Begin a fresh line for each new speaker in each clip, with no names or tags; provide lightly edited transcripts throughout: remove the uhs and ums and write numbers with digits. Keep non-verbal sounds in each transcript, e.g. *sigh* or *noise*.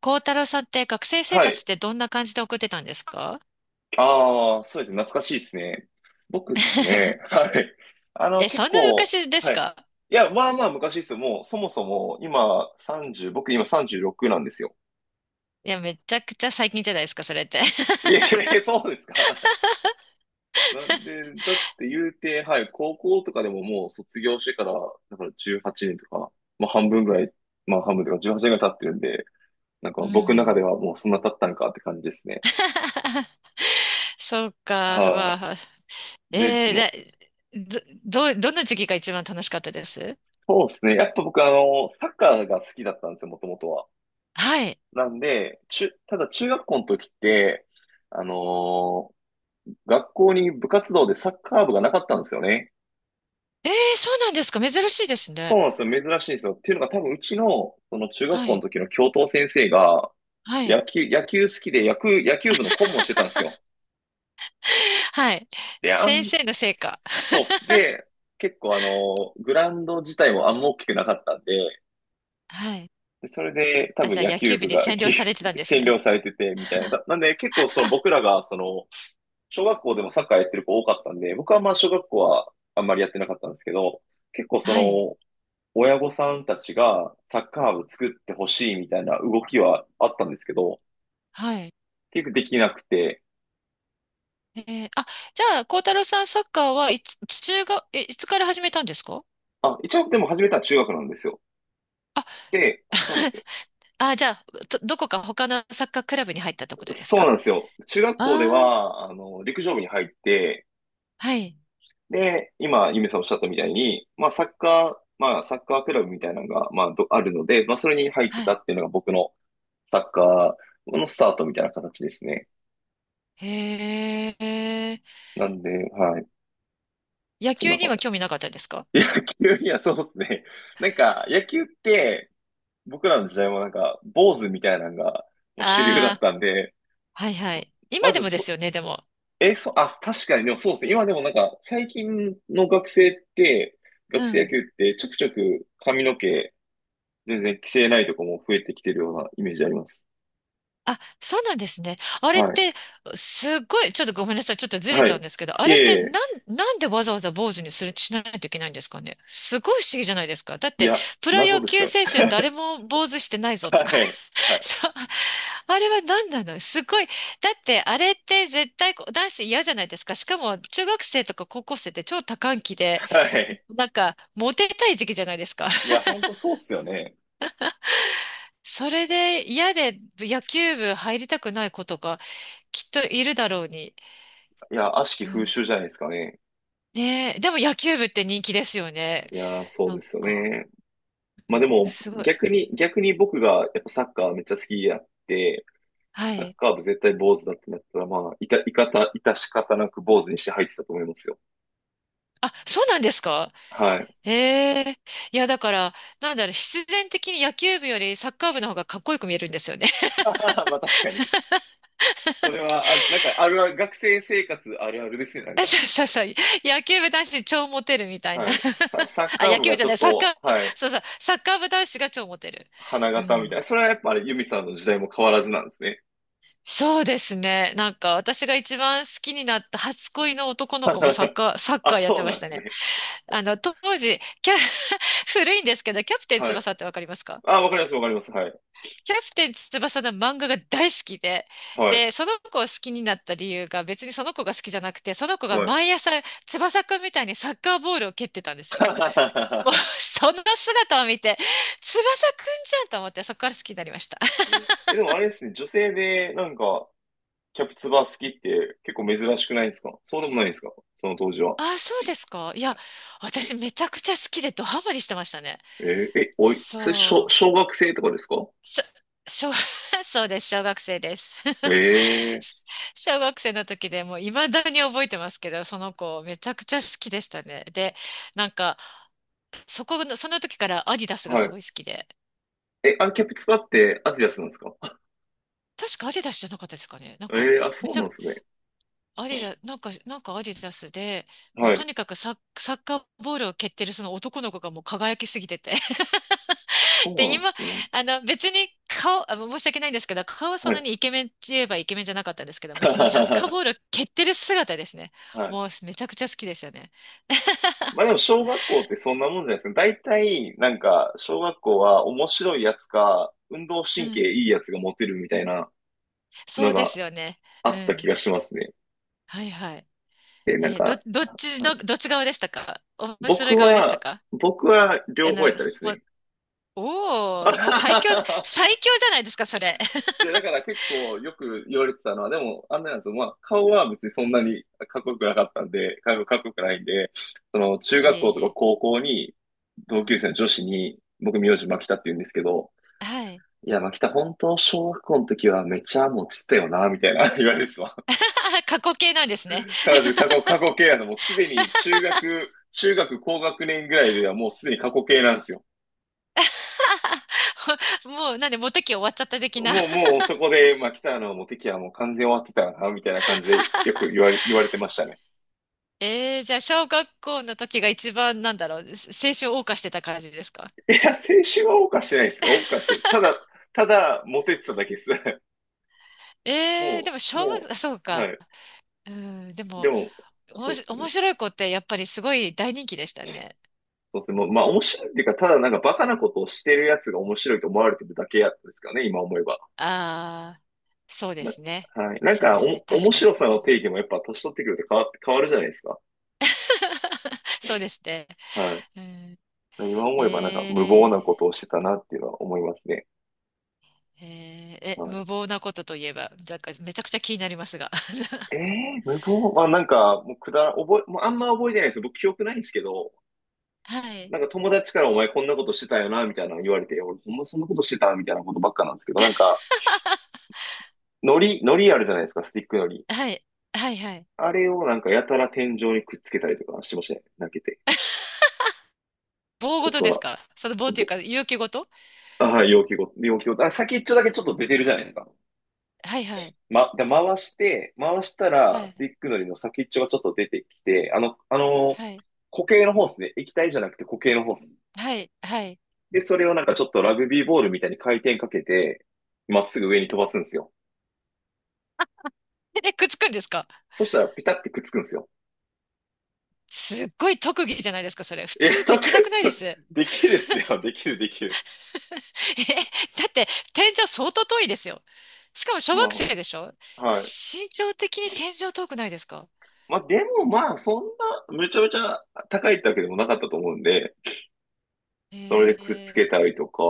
孝太郎さんって学生生
は
活っ
い。
てどんな感じで送ってたんですか？
ああ、そうですね。懐かしいですね。僕ですね。
*laughs*
はい。
え、
結
そんな
構、
昔で
は
す
い。
か？
いや、まあまあ昔ですよ。もう、そもそも、今、30、僕今36なんですよ。
いや、めちゃくちゃ最近じゃないですか、それって。*laughs*
いえ、*laughs* そうですか。*laughs* なんで、だって言うて、はい、高校とかでももう卒業してから、だから18年とか、まあ半分ぐらい、まあ半分とか18年ぐらい経ってるんで、なんか
う
僕の中
ん。
ではもうそんな経ったのかって感じですね。
*laughs* そうか、
は
わあ。
い。で、もう、
えー、だ、ど、ど、どの時期が一番楽しかったです？
そうですね。やっぱ僕サッカーが好きだったんですよ、もともとは。
はい。
なんで、ただ中学校の時って、あのー学校に部活動でサッカー部がなかったんですよね。
えー、そうなんですか。珍しいです
そ
ね。
うなんですよ。珍しいんですよ。っていうのが多分うちの、その中学
は
校の
い。
時の教頭先生が、
はい。
野球好きで野球部の顧問をしてたんです
*laughs*
よ。
はい。
で、あ
先
ん、
生のせいか。
そうっす。
*laughs*
で、結構グラウンド自体もあんま大きくなかったんで、
はい。
でそれで多
あ、じ
分
ゃあ
野
野球
球
部
部
に
が
占
ぎ
領されてた
*laughs*
んです
占
ね。
領されてて、みたいな。だなんで結構その僕らがその、小学校でもサッカーやってる子多かったんで、僕はまあ小学校はあんまりやってなかったんですけど、結構そ
はい。
の、親御さんたちがサッカー部作ってほしいみたいな動きはあったんですけど、
はい。
結局できなくて、
えー、あ、じゃあ、孝太郎さん、サッカーはいつ、中学、え、いつから始めたんですか？
あ、一応でも始めたのは中学なんですよ。
あ、
で、そうなんで
*laughs*
すよ。
あ、じゃあ、どこか他のサッカークラブに入ったってことです
そう
か？
なんですよ。中学校で
ああー、
は、陸上部に入って、
はい、
で、今、ゆめさんおっしゃったみたいに、まあ、サッカー、まあ、サッカークラブみたいなのが、まあ、どあるので、まあ、それに入って
は
た
い。
っていうのが僕のサッカーのスタートみたいな形ですね。
へえ、
なんで、はい。
野
そん
球
な
に
感
は興味なかったですか？
じ。*laughs* 野球にはそうですね。なんか、野球って、僕らの時代もなんか、坊主みたいなのが、もう主流だっ
あ
たんで、
あー、はいはい。
ま
今で
ず
もで
そ、
すよね、でも。
え、そ、あ、確かに、でもそうですね。今でもなんか、最近の学生って、
う
学生野
ん。
球ってちょくちょく髪の毛、全然規制ないとこも増えてきてるようなイメージあります。
あ、そうなんですね。あれっ
はい。
て、すっごい、ちょっとごめんなさい。ちょっとずれ
は
ちゃう
い。
んですけど、あ
いえ
れっ
い
て、
え、
なんでわざわざ坊主にする、しないといけないんですかね。すごい不思議じゃないですか。だっ
い
て、
や、
プロ
謎
野
です
球
よね。
選手誰も坊主してない
*laughs*
ぞと
は
か。
い。は
*laughs*
い。
そう。あれは何なのすごい。だって、あれって絶対こう男子嫌じゃないですか。しかも、中学生とか高校生って超多感期で、
はい。
なんか、モテたい時期じゃないですか。
いや、
*laughs*
ほんとそうっすよね。
それで嫌で野球部入りたくない子とか、きっといるだろうに。
いや、悪しき
う
風
ん、
習じゃないですかね。
ねえ、でも野球部って人気ですよね。
いやー、そう
な
で
ん
すよ
か、
ね。まあでも、
すごい。
逆に僕がやっぱサッカーめっちゃ好きやって、
は
サッ
い。
カー部絶対坊主だってなったら、まあ、いた、いかた、いたし方なく坊主にして入ってたと思いますよ。
あ、そうなんですか？
はい。*laughs*
ええ、いや、だから、なんだろう、必然的に野球部よりサッカー部の方がかっこよく見えるんですよね。
まあ確かに。それは、あ、なんか、あるある、学生生活あるあるですね、なん
*laughs*
か。
そうそうそう。野球部男子超モテるみたいな。
はい。サッ
*laughs* あ、
カー
野
部
球
が
部じ
ち
ゃ
ょ
な
っ
い、サッカ
と、
ー、
はい、
そうそう、サッカー部男子が超モテる。
花
う
形み
ん。
たいな。それはやっぱあれ、ユミさんの時代も変わらずなんですね。
そうですね。なんか、私が一番好きになった初恋の男の子もサッ
*laughs*
カー、サッ
あ、
カーやっ
そ
て
う
ま
な
し
んで
た
す
ね。
ね。
あの、当時、キャ、*laughs* 古いんですけど、キャプテン
はい。
翼ってわかりますか？
あ、わかります。はい。
キャプテン翼の漫画が大好きで、
はい。
で、その子を好きになった理由が別にその子が好きじゃなくて、その子が
はい。
毎朝翼くんみたいにサッカーボールを蹴ってたんですよ。もう、
*laughs*
その姿を見て、翼くんじゃんと思って、そこから好きになりました。
うんえ、でもあれですね、女性でなんか、キャプツバ好きって結構珍しくないですか？そうでもないですか？その当時は。
あ、そうですか？いや、私めちゃくちゃ好きでドハマりしてましたね。
えーえ、おい、それ
そう。
小学生とかですか？
しょ、小 *laughs* そうです。小学生です。
ええ
小学生の時でもう未だに覚えてますけど、その子めちゃくちゃ好きでしたね。で、なんか、そこの、その時からアディダスが
は
す
い。
ごい好きで、
え、あれ、キャプツバってアディダスなんですか？
確かアディダスじゃなかったですかね。なん
え
か、
えーあ、
め
そう
ちゃ
なん
く、
ですね。
アディダ、なんか、なんかアディダスで、もう
は
と
い。
にかくサッ、サッカーボールを蹴ってるその男の子がもう輝きすぎてて。*laughs*
そう
で、
なんで
今、
すね。
あの、別に顔、あの申し訳ないんですけど、顔はそ
は
んな
い
にイケメンって言えばイケメンじゃなかったんですけども、そのサッカー
は
ボールを蹴ってる姿ですね。
い。
もうめちゃくちゃ好きでしたね。
まあ
*laughs*
でも小学校ってそんなもんじゃないですか。大体、なんか、小学校は面白いやつか、運動
う
神経
ん。
いいやつがモテるみたいな
そ
の
うで
が
すよね。
あ
う
った気が
ん。
しますね。
はいはい。
で、なんか、
どっ
あ
ち
あ
の、どっち側でしたか？面白い
僕
側でした
は、
か？
僕は
あ
両方やっ
の、
たで
ス
す
ポ、
ね。*laughs* あ
お
は
お、もう最
は
強、
はは
最強じゃないですか、それ。*laughs*
いや、だから結構よく言われてたのは、でも、あんなやつまあ、顔は別にそんなにかっこよくなかったんで、かっこよくないんで、その、中
い
学
え
校
い
とか
え。
高校に、
う
同級
ん。
生の女子に、僕名字牧田って言うんですけど、
はい。
いや、まあ、北、本当、小学校の時はめっちゃもうつってたよな、みたいな *laughs* 言われるっすわ。
*laughs* 過去形なんですね。
*laughs* 彼女、過去形なんですよ。もうすでに中学高学年ぐらいではもうすでに過去形なんですよ。
*laughs* もう、なんで、モテ期終わっちゃった的な。
もうそこで、まあ、北のもう敵はもう完全終わってたよな、みたいな感じでよく
*laughs*
言われてましたね。
えー、じゃあ、小学校の時が一番、なんだろう、青春を謳歌してた感じですか？
いや、青春は謳歌してないですよ。謳歌してる。ただ、モテてただけです。*laughs*
えー、でも、小学、
も
あそう
う、は
か。
い。
うん、で
で
も、
も、
おも
そうで
し、
す
面
ね。
白い子ってやっぱりすごい大人気でしたね。
そうですね。もうまあ面白いっていうか、ただなんかバカなことをしてるやつが面白いと思われてるだけやったですからね、今思えば。
ああ、そうで
な、
すね。
はい。なん
そうで
か
すね。
お、
確
面
かに。
白さの定義もやっぱ年取ってくると変わって、変わるじゃないですか。
*laughs* そうですね。
はい。
うん、
今思えばなんか無
え
謀なことをしてたなっていうのは思いますね。
ー、えーえ、
は
無謀なことといえば、なんかめちゃくちゃ気になりますが。*laughs*
い。えー、無謀まあなんか、もうあんま覚えてないです。僕記憶ないんですけど、
はい。
なんか友達からお前こんなことしてたよな、みたいなの言われて、俺ほんまそんなことしてたみたいなことばっかなんですけど、なんか、海海苔あるじゃないですか、スティック海苔。
はい。はいはい。
あれをなんかやたら天井にくっつけたりとかしてましたね。投げて。
*laughs* 棒
と
ごとです
か、
か？その棒という
ぼ
か、勇気ごと？
ああ、容器ごと、あ、先っちょだけちょっと出てるじゃないですか。
はいはい。
ま、で、回して、回した
は
ら、ステ
い。
ィックのりの先っちょがちょっと出てきて、
はい。
固形のホースね、液体じゃなくて固形のホース。
はい。はい。
で、それをなんかちょっとラグビーボールみたいに回転かけて、まっすぐ上に飛ばすんですよ。
え、くっつくんですか？
そしたらピタってくっつくんですよ。
すっごい特技じゃないですか、それ。普
え、
通で
たく、
きなくないで
*laughs*
す？
できるっすよ。できる。
*laughs* え、だって天井相当遠いですよ。しかも小学
ま
生でしょ？
あ、はい。
身長的に天井遠くないですか？
まあ、でもまあ、そんな、めちゃめちゃ高いってわけでもなかったと思うんで、
え
それでくっつけ
ー、
たりとか、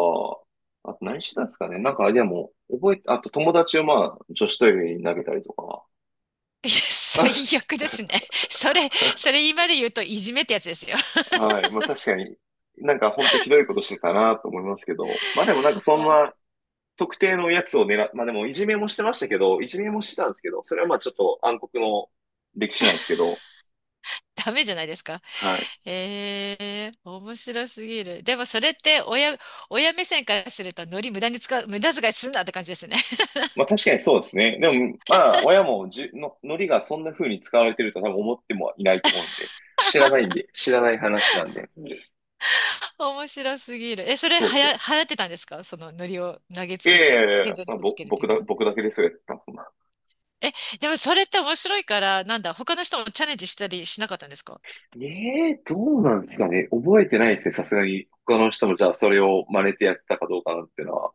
あと何してたんですかね。なんか、でも、覚えて、あと友達をまあ、女子トイレに投げたりとか。
*laughs* いや最悪ですね。それ、そ
*laughs*
れ今で言うといじめってやつですよ。
はい。まあ確かに、なんか本当ひどいことしてたなと思いますけど、まあでもなんかそんな
お、
特定のやつを狙っ、まあでもいじめもしてましたけど、いじめもしてたんですけど、それはまあちょっと暗黒の歴史なんですけど、
ダメじゃないですか。
はい。
えー、面白すぎる。でもそれって親、親目線からするとノリ無駄に使う、無駄遣いすんなって感じですね。*laughs*
まあ確かにそうですね。でも、まあ、親もじゅの、のりがそんな風に使われてると多分思ってもいないと思うんで、知らないんで、知らない話なんで。うん
面白すぎる。え、それ
そうっ
は
す。
や、流行ってたんですか？そのノリを投げつ
いやい
け
や
て
いやい
天
や、
井
そ
に
の
くっつ
ぼ、
けるっていうのは。
僕だけですよ、やったのそんな。
え、でもそれって面白いから、なんだ、他の人もチャレンジしたりしなかったんですか？
ええどうなんですかね。覚えてないですね、さすがに。他の人もじゃあそれを真似てやったかどうかなっていうのは。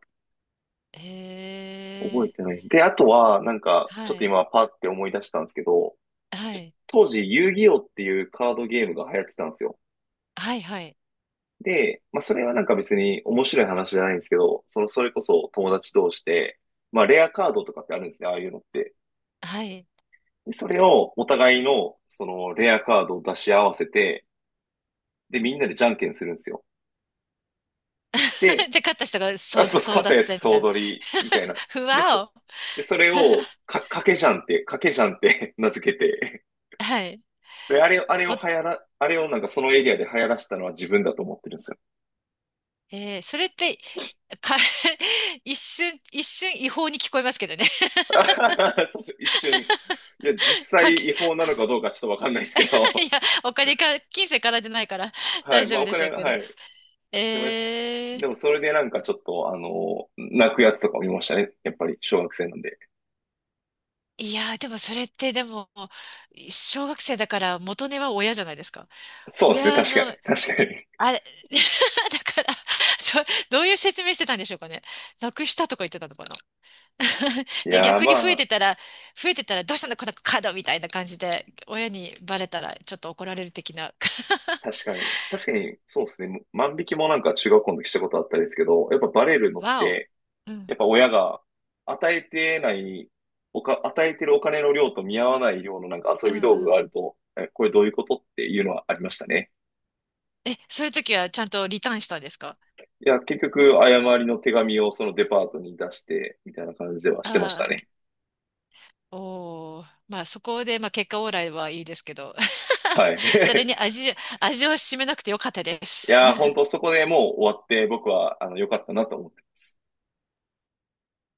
覚え
えー、
てない。で、あとは、なんか、
は
ちょっと
い、
今パって思い出したんですけど、
はい、
当時、遊戯王っていうカードゲームが流行ってたんですよ。
はい、はい、
で、まあ、それはなんか別に面白い話じゃないんですけど、その、それこそ友達同士で、まあ、レアカードとかってあるんですね、ああいうのって。
はい。
で、それをお互いの、その、レアカードを出し合わせて、で、みんなでじゃんけんするんですよ。で、
*laughs* で、勝った人が
あ、
争、
そう、
争
勝った
奪
やつ
戦みた
総
いな。
取り、みたいな。
*laughs* ふ
で、
わ
そ、
お。
で、それを、
*laughs*
か、かけじゃんって *laughs* 名付けて、
はい。
で、あれを、あれを
お、
流行ら、あれをなんかそのエリアで流行らしたのは自分だと思ってるんですよ。
えー、それって、か、*laughs* 一瞬、一瞬違法に聞こえますけどね。
*laughs* そうそう一瞬、いや、実
*laughs*
際
かけ、
違法なのか
か、
どうかちょっとわかんないですけ
*laughs*
ど。
いや、お金か、金銭からでないから
はい。
大丈
まあ、
夫
お
でし
金
ょう
は、
けど。
はい。でもね
えー、
でもそれでなんかちょっと、あの、泣くやつとか見ましたね。やっぱり、小学生なんで。
いやー、でもそれってでも、小学生だから元値は親じゃないですか。
そうですね。
親
確かに。
の、
*laughs* 確かに。
あれ、*laughs* だから、そ、どういう説明してたんでしょうかね。なくしたとか言ってたのかな。*laughs*
い
で、
やー、
逆に増
ま
え
あ、
てたら、増えてたらどうしたのこのカードみたいな感じで、親にバレたらちょっと怒られる的な。*laughs*
確かに。そうですね。万引きもなんか中学校の時したことあったんですけど、やっぱバレるのっ
わお。
て、
うん、
やっぱ親が与えてない、与えてるお金の量と見合わない量のなんか遊
うん、う
び道具がある
ん。
と、え、これどういうことっていうのはありましたね。
え、そういう時はちゃんとリターンしたんですか？
いや、結局、誤りの手紙をそのデパートに出して、みたいな感じではしてました
ああ
ね。
ー。おお、まあそこで、まあ、結果オーライはいいですけど、
はい。
*laughs* それ
*laughs*
に味、味を占めなくてよかったで
い
す。
やー、本当そこでもう終わって、僕は、あの、良かったなと思っ